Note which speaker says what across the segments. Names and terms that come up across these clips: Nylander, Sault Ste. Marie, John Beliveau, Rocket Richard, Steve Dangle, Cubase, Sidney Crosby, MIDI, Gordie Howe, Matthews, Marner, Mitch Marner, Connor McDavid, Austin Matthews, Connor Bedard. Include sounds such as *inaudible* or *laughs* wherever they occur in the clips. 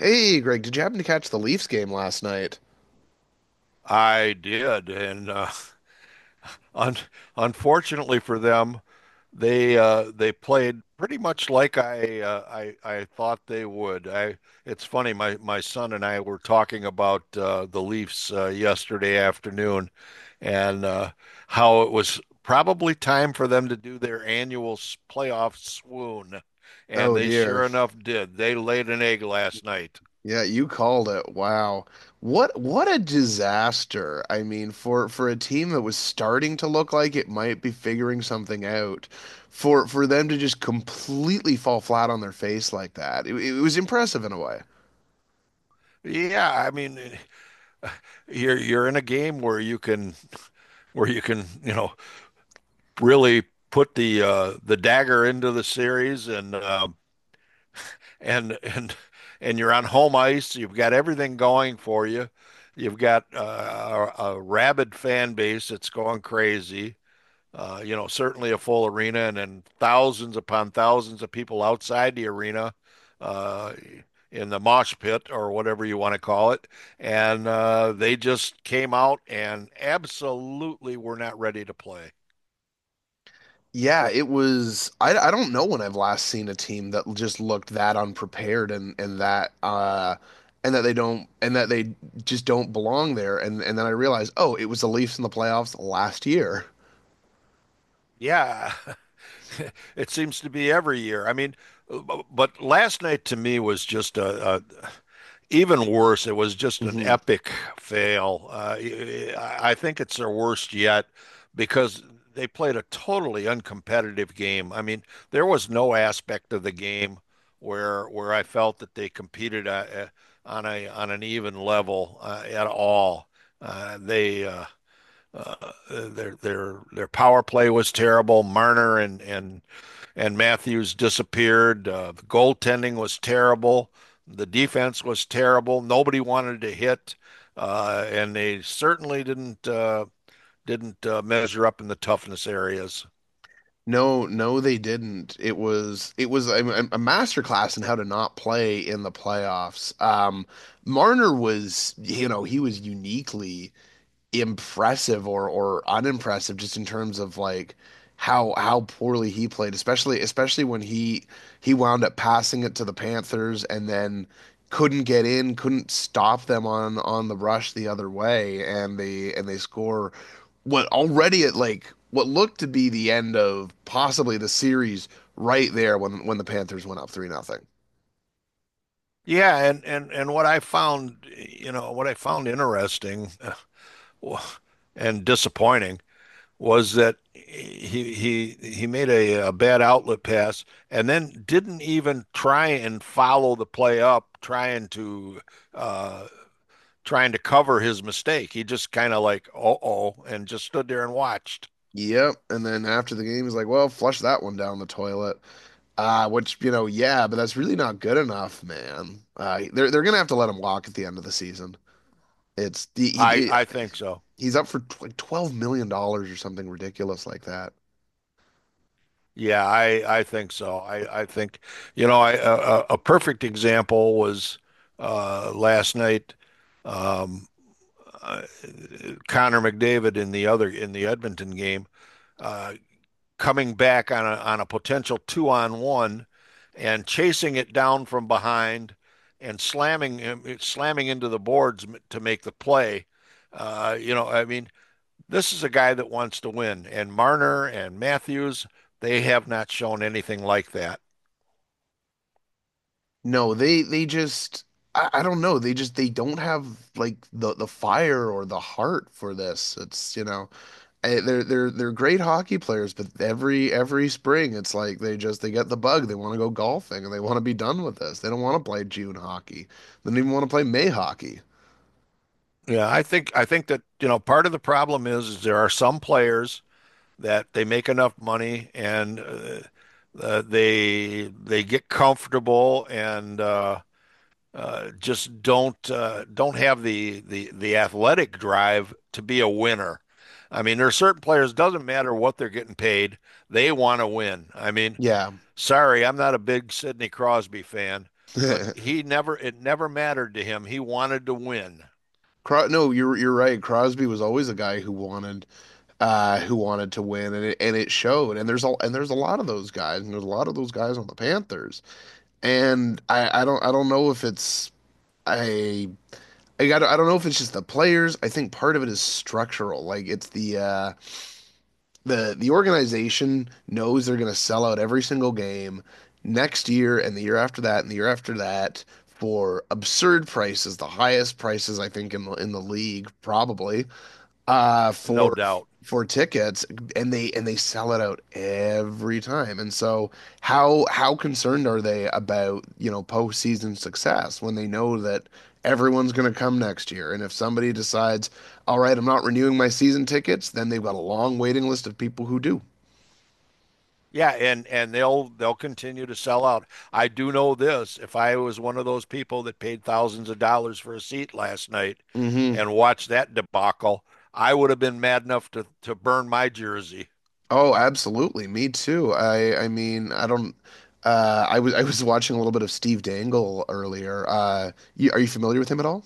Speaker 1: Hey, Greg, did you happen to catch the Leafs game last night?
Speaker 2: I did, and *laughs* un unfortunately for them, they played pretty much like I thought they would. I It's funny. My son and I were talking about the Leafs yesterday afternoon, and how it was probably time for them to do their annual playoff swoon, and
Speaker 1: Oh
Speaker 2: they
Speaker 1: dear.
Speaker 2: sure enough did. They laid an egg last night.
Speaker 1: Yeah, you called it. Wow. What a disaster. I mean, for a team that was starting to look like it might be figuring something out, for them to just completely fall flat on their face like that. It was impressive in a way.
Speaker 2: Yeah, I mean, you're in a game where you can, you know, really put the dagger into the series and and and you're on home ice. You've got everything going for you. You've got a rabid fan base that's going crazy. Certainly a full arena, and then thousands upon thousands of people outside the arena uh, in the mosh pit or whatever you want to call it. And They just came out and absolutely were not ready to play.
Speaker 1: Yeah, it was. I don't know when I've last seen a team that just looked that unprepared and and that they don't and that they just don't belong there. And then I realized, oh, it was the Leafs in the playoffs last year.
Speaker 2: Yeah, *laughs* it seems to be every year. I mean, but last night to me was just a even worse. It was just an
Speaker 1: Hmm
Speaker 2: epic fail. I think it's their worst yet because they played a totally uncompetitive game. I mean, there was no aspect of the game where I felt that they competed on a on an even level at all. They uh, their power play was terrible. Marner and Matthews disappeared. The goaltending was terrible. The defense was terrible. Nobody wanted to hit, and they certainly didn't measure up in the toughness areas.
Speaker 1: No, no, they didn't. It was a master class in how to not play in the playoffs. Marner was, you know, he was uniquely impressive or unimpressive just in terms of like how poorly he played, especially when he wound up passing it to the Panthers and then couldn't get in, couldn't stop them on the rush the other way, and they score what already at like what looked to be the end of possibly the series right there when the Panthers went up three nothing.
Speaker 2: Yeah, and what I found interesting *laughs* and disappointing was that he made a bad outlet pass and then didn't even try and follow the play up, uh, trying to cover his mistake. He just kind of like oh and just stood there and watched.
Speaker 1: Yep, and then after the game, he's like, "Well, flush that one down the toilet." Which, you know, yeah, but that's really not good enough, man. They're gonna have to let him walk at the end of the season. It's
Speaker 2: I I think so.
Speaker 1: he's up for like 12 million dollars or something ridiculous like that.
Speaker 2: Yeah, I think so. I think you know I, a perfect example was last night. Um, uh, Connor McDavid in the other in the Edmonton game. Uh, Coming back on a potential two on one and chasing it down from behind and slamming into the boards to make the play. I mean, this is a guy that wants to win, and Marner and Matthews, they have not shown anything like that.
Speaker 1: No, they just I don't know. They just they don't have like the fire or the heart for this. It's, you know, eh, they're great hockey players, but every spring it's like they just they get the bug. They want to go golfing and they want to be done with this. They don't want to play June hockey. They don't even want to play May hockey.
Speaker 2: Yeah, I think that, you know, part of the problem is there are some players that they make enough money and they get comfortable and just don't have the athletic drive to be a winner. I mean, there are certain players, doesn't matter what they're getting paid, they want to win. I mean,
Speaker 1: Yeah.
Speaker 2: sorry, I'm not a big Sidney Crosby fan, but
Speaker 1: *laughs*
Speaker 2: he never it never mattered to him. He wanted to win.
Speaker 1: No, you're right. Crosby was always a guy who wanted to win and it showed. And there's a lot of those guys and there's a lot of those guys on the Panthers. And I don't know if it's I I got I don't know if it's just the players. I think part of it is structural. Like it's the organization knows they're going to sell out every single game next year and the year after that and the year after that for absurd prices, the highest prices I think in the league probably uh
Speaker 2: No
Speaker 1: for
Speaker 2: doubt.
Speaker 1: for tickets and they sell it out every time. And so how concerned are they about, you know, postseason success when they know that everyone's going to come next year? And if somebody decides, "All right, I'm not renewing my season tickets," then they've got a long waiting list of people who do.
Speaker 2: Yeah, and they'll continue to sell out. I do know this, if I was one of those people that paid thousands of dollars for a seat last night
Speaker 1: Hmm
Speaker 2: and watched that debacle, I would have been mad enough to burn my jersey.
Speaker 1: Oh, absolutely. Me too. I mean, I don't I was watching a little bit of Steve Dangle earlier. You, are you familiar with him at all?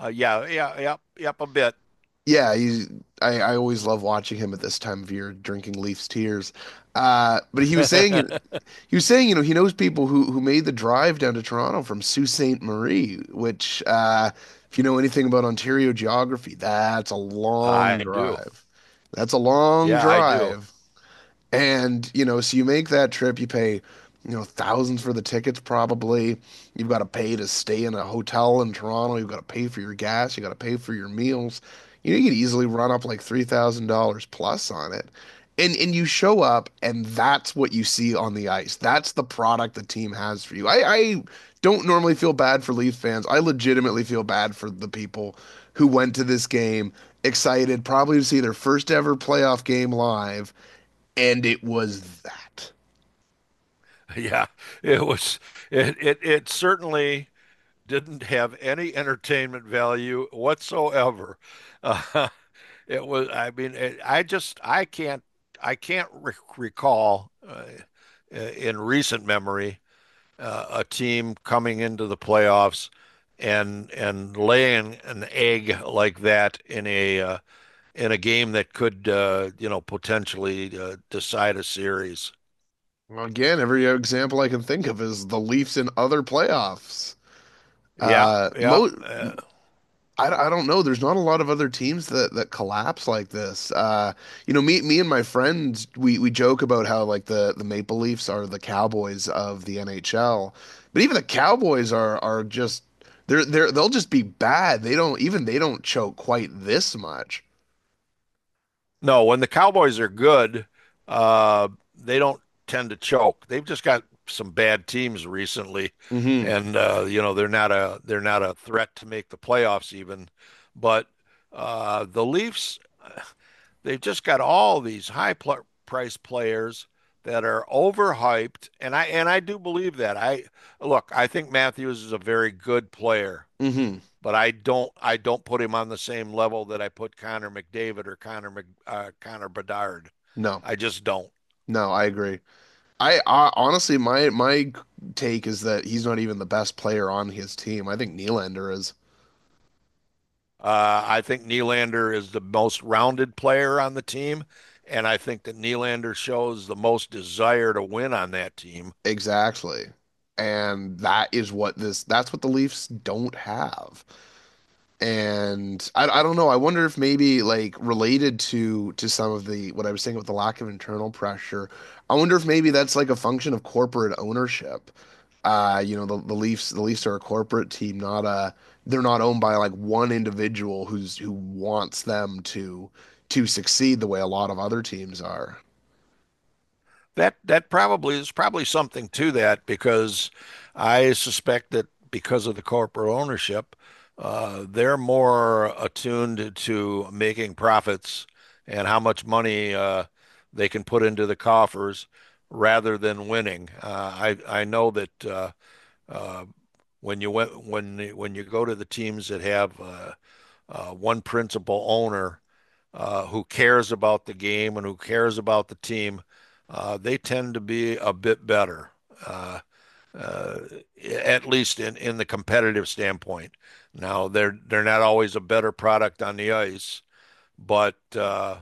Speaker 2: Yeah, yeah, yep, yep, a bit.
Speaker 1: Yeah, he's, I always love watching him at this time of year drinking Leafs tears. But
Speaker 2: *laughs*
Speaker 1: he was saying, you know, he knows people who made the drive down to Toronto from Sault Ste. Marie, which if you know anything about Ontario geography, that's a long
Speaker 2: I do.
Speaker 1: drive. That's a long
Speaker 2: Yeah, I do.
Speaker 1: drive.
Speaker 2: *laughs*
Speaker 1: And, you know, so you make that trip, you pay, you know, thousands for the tickets probably. You've got to pay to stay in a hotel in Toronto. You've got to pay for your gas. You got to pay for your meals. You know, you could easily run up like $3,000 plus on it. And you show up and that's what you see on the ice. That's the product the team has for you. I don't normally feel bad for Leaf fans. I legitimately feel bad for the people who went to this game excited, probably to see their first ever playoff game live and it was that.
Speaker 2: Yeah, it was it certainly didn't have any entertainment value whatsoever. Uh, *laughs* I mean, I just, I can't recall in recent memory a team coming into the playoffs and laying an egg like that in a game that could potentially decide a series.
Speaker 1: Again, every example I can think of is the Leafs in other playoffs.
Speaker 2: Yeah,
Speaker 1: Uh,
Speaker 2: yeah.
Speaker 1: mo- I don't know. There's not a lot of other teams that that collapse like this. You know, me and my friends we joke about how like the Maple Leafs are the Cowboys of the NHL, but even the Cowboys are just they're they'll just be bad. They don't even they don't choke quite this much.
Speaker 2: No, when the Cowboys are good, uh, they don't tend to choke. They've just got some bad teams recently,
Speaker 1: Mm-hmm.
Speaker 2: and you know they're not a threat to make the playoffs even. But the Leafs, they've just got all these high pl price players that are overhyped, and I do believe that. I Look, I think Matthews is a very good player
Speaker 1: Mm-hmm.
Speaker 2: but I don't put him on the same level that I put Connor McDavid or Connor Bedard.
Speaker 1: No,
Speaker 2: I just don't.
Speaker 1: no, I agree. I honestly, my take is that he's not even the best player on his team. I think Nylander is.
Speaker 2: I think Nylander is the most rounded player on the team, and I think that Nylander shows the most desire to win on that team.
Speaker 1: Exactly. And that is what this, that's what the Leafs don't have. And I don't know. I wonder if maybe like related to some of the what I was saying with the lack of internal pressure. I wonder if maybe that's like a function of corporate ownership. You know, the, the Leafs are a corporate team, not a they're not owned by like one individual who's who wants them to succeed the way a lot of other teams are.
Speaker 2: That probably is probably something to that because I suspect that because of the corporate ownership, they're more attuned to making profits and how much money they can put into the coffers rather than winning. I know that uh, when you go to the teams that have one principal owner who cares about the game and who cares about the team, they tend to be a bit better, uh, uh, at least in the competitive standpoint. Now they're not always a better product on the ice, but uh,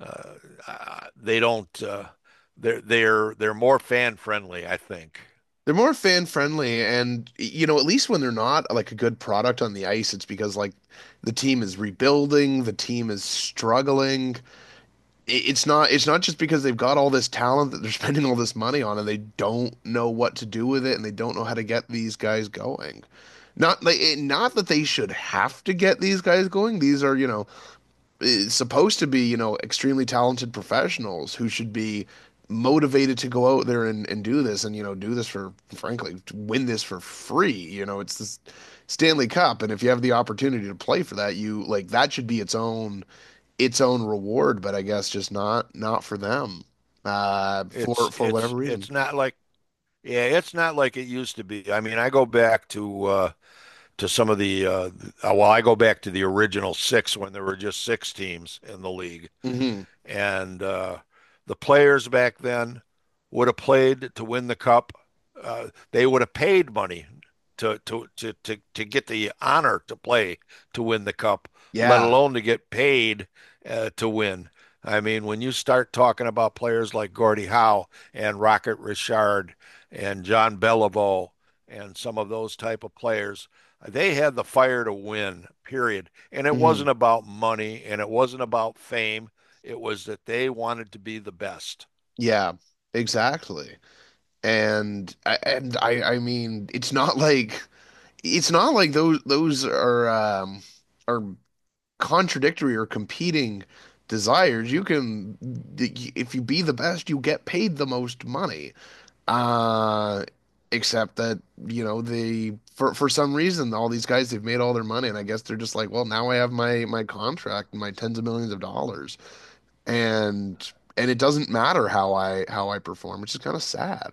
Speaker 2: uh, they don't they're more fan friendly. I think
Speaker 1: They're more fan friendly and you know, at least when they're not like a good product on the ice, it's because like the team is rebuilding, the team is struggling. It's not it's not just because they've got all this talent that they're *laughs* spending all this money on and they don't know what to do with it and they don't know how to get these guys going. Not like not that they should have to get these guys going. These are, you know, eh, supposed to be, you know, extremely talented professionals who should be motivated to go out there and do this and, you know, do this for, frankly, win this for free. You know, it's this Stanley Cup. And if you have the opportunity to play for that, you like that should be its own reward, but I guess just not not for them. For whatever reason.
Speaker 2: it's not like yeah, it's not like it used to be. I mean, I go back to some of the oh, well, I go back to the original six when there were just six teams in the league,
Speaker 1: Hmm
Speaker 2: and the players back then would have played to win the cup. They would have paid money to get the honor to play to win the cup, let
Speaker 1: Yeah.
Speaker 2: alone to get paid to win. I mean, when you start talking about players like Gordie Howe and Rocket Richard and John Beliveau and some of those type of players, they had the fire to win, period. And it
Speaker 1: hmm
Speaker 2: wasn't about money and it wasn't about fame. It was that they wanted to be the best.
Speaker 1: Yeah. Exactly. And I mean, it's not like those are contradictory or competing desires. You can if you be the best, you get paid the most money. Uh, except that, you know, the for some reason all these guys they've made all their money and I guess they're just like, well, now I have my my contract and my tens of millions of dollars. And and it doesn't matter how I perform, which is kind of sad.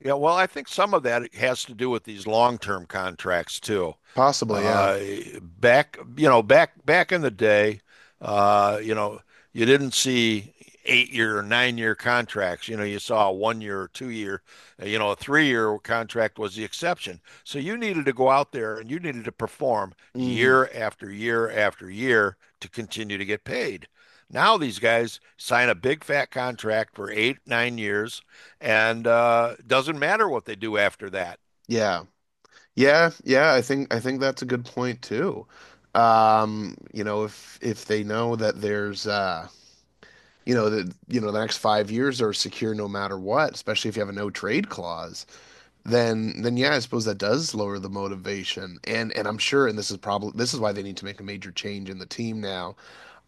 Speaker 2: Yeah, well, I think some of that has to do with these long-term contracts too.
Speaker 1: Possibly, yeah.
Speaker 2: Uh, back in the day, uh, you know, you didn't see 8-year or 9-year contracts. You know, you saw a 1-year or 2-year, a 3-year contract was the exception. So you needed to go out there and you needed to perform
Speaker 1: Mm,
Speaker 2: year after year after year to continue to get paid. Now these guys sign a big fat contract for 8, 9 years, and doesn't matter what they do after that.
Speaker 1: yeah. Yeah, yeah, I think that's a good point too. You know, if they know that there's you know that you know the next 5 years are secure no matter what, especially if you have a no trade clause then yeah, I suppose that does lower the motivation. And I'm sure, and this is probably this is why they need to make a major change in the team now.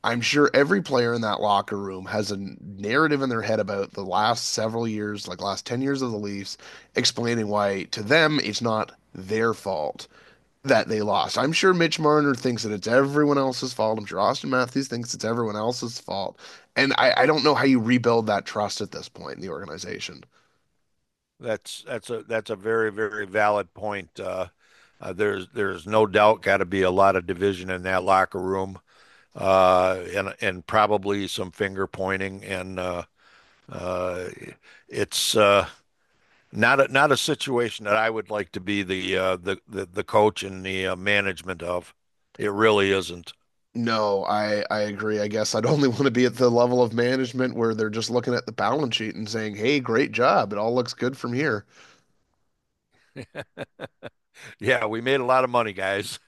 Speaker 1: I'm sure every player in that locker room has a narrative in their head about the last several years, like last 10 years of the Leafs, explaining why to them it's not their fault that they lost. I'm sure Mitch Marner thinks that it's everyone else's fault. I'm sure Austin Matthews thinks it's everyone else's fault. And I don't know how you rebuild that trust at this point in the organization.
Speaker 2: That's a very very valid point. There's no doubt got to be a lot of division in that locker room, and probably some finger pointing, and uh, it's not a situation that I would like to be the coach and the management of. It really isn't.
Speaker 1: No, I agree. I guess I'd *laughs* only want to be at the level of management where they're just looking at the balance sheet and saying, "Hey, great job. It all looks good from here."
Speaker 2: Yeah, we made a lot of money, guys.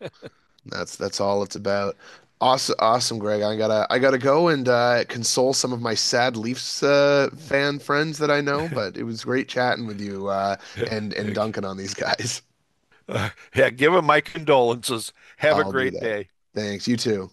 Speaker 1: That's all it's about. Awesome, awesome, Greg. I gotta go and console some of my sad Leafs fan friends that I know. But it was great chatting with you and dunking
Speaker 2: *laughs*
Speaker 1: on these guys.
Speaker 2: *laughs* Yeah, give him my condolences.
Speaker 1: *laughs*
Speaker 2: Have a
Speaker 1: I'll do
Speaker 2: great
Speaker 1: that.
Speaker 2: day.
Speaker 1: Thanks. You too.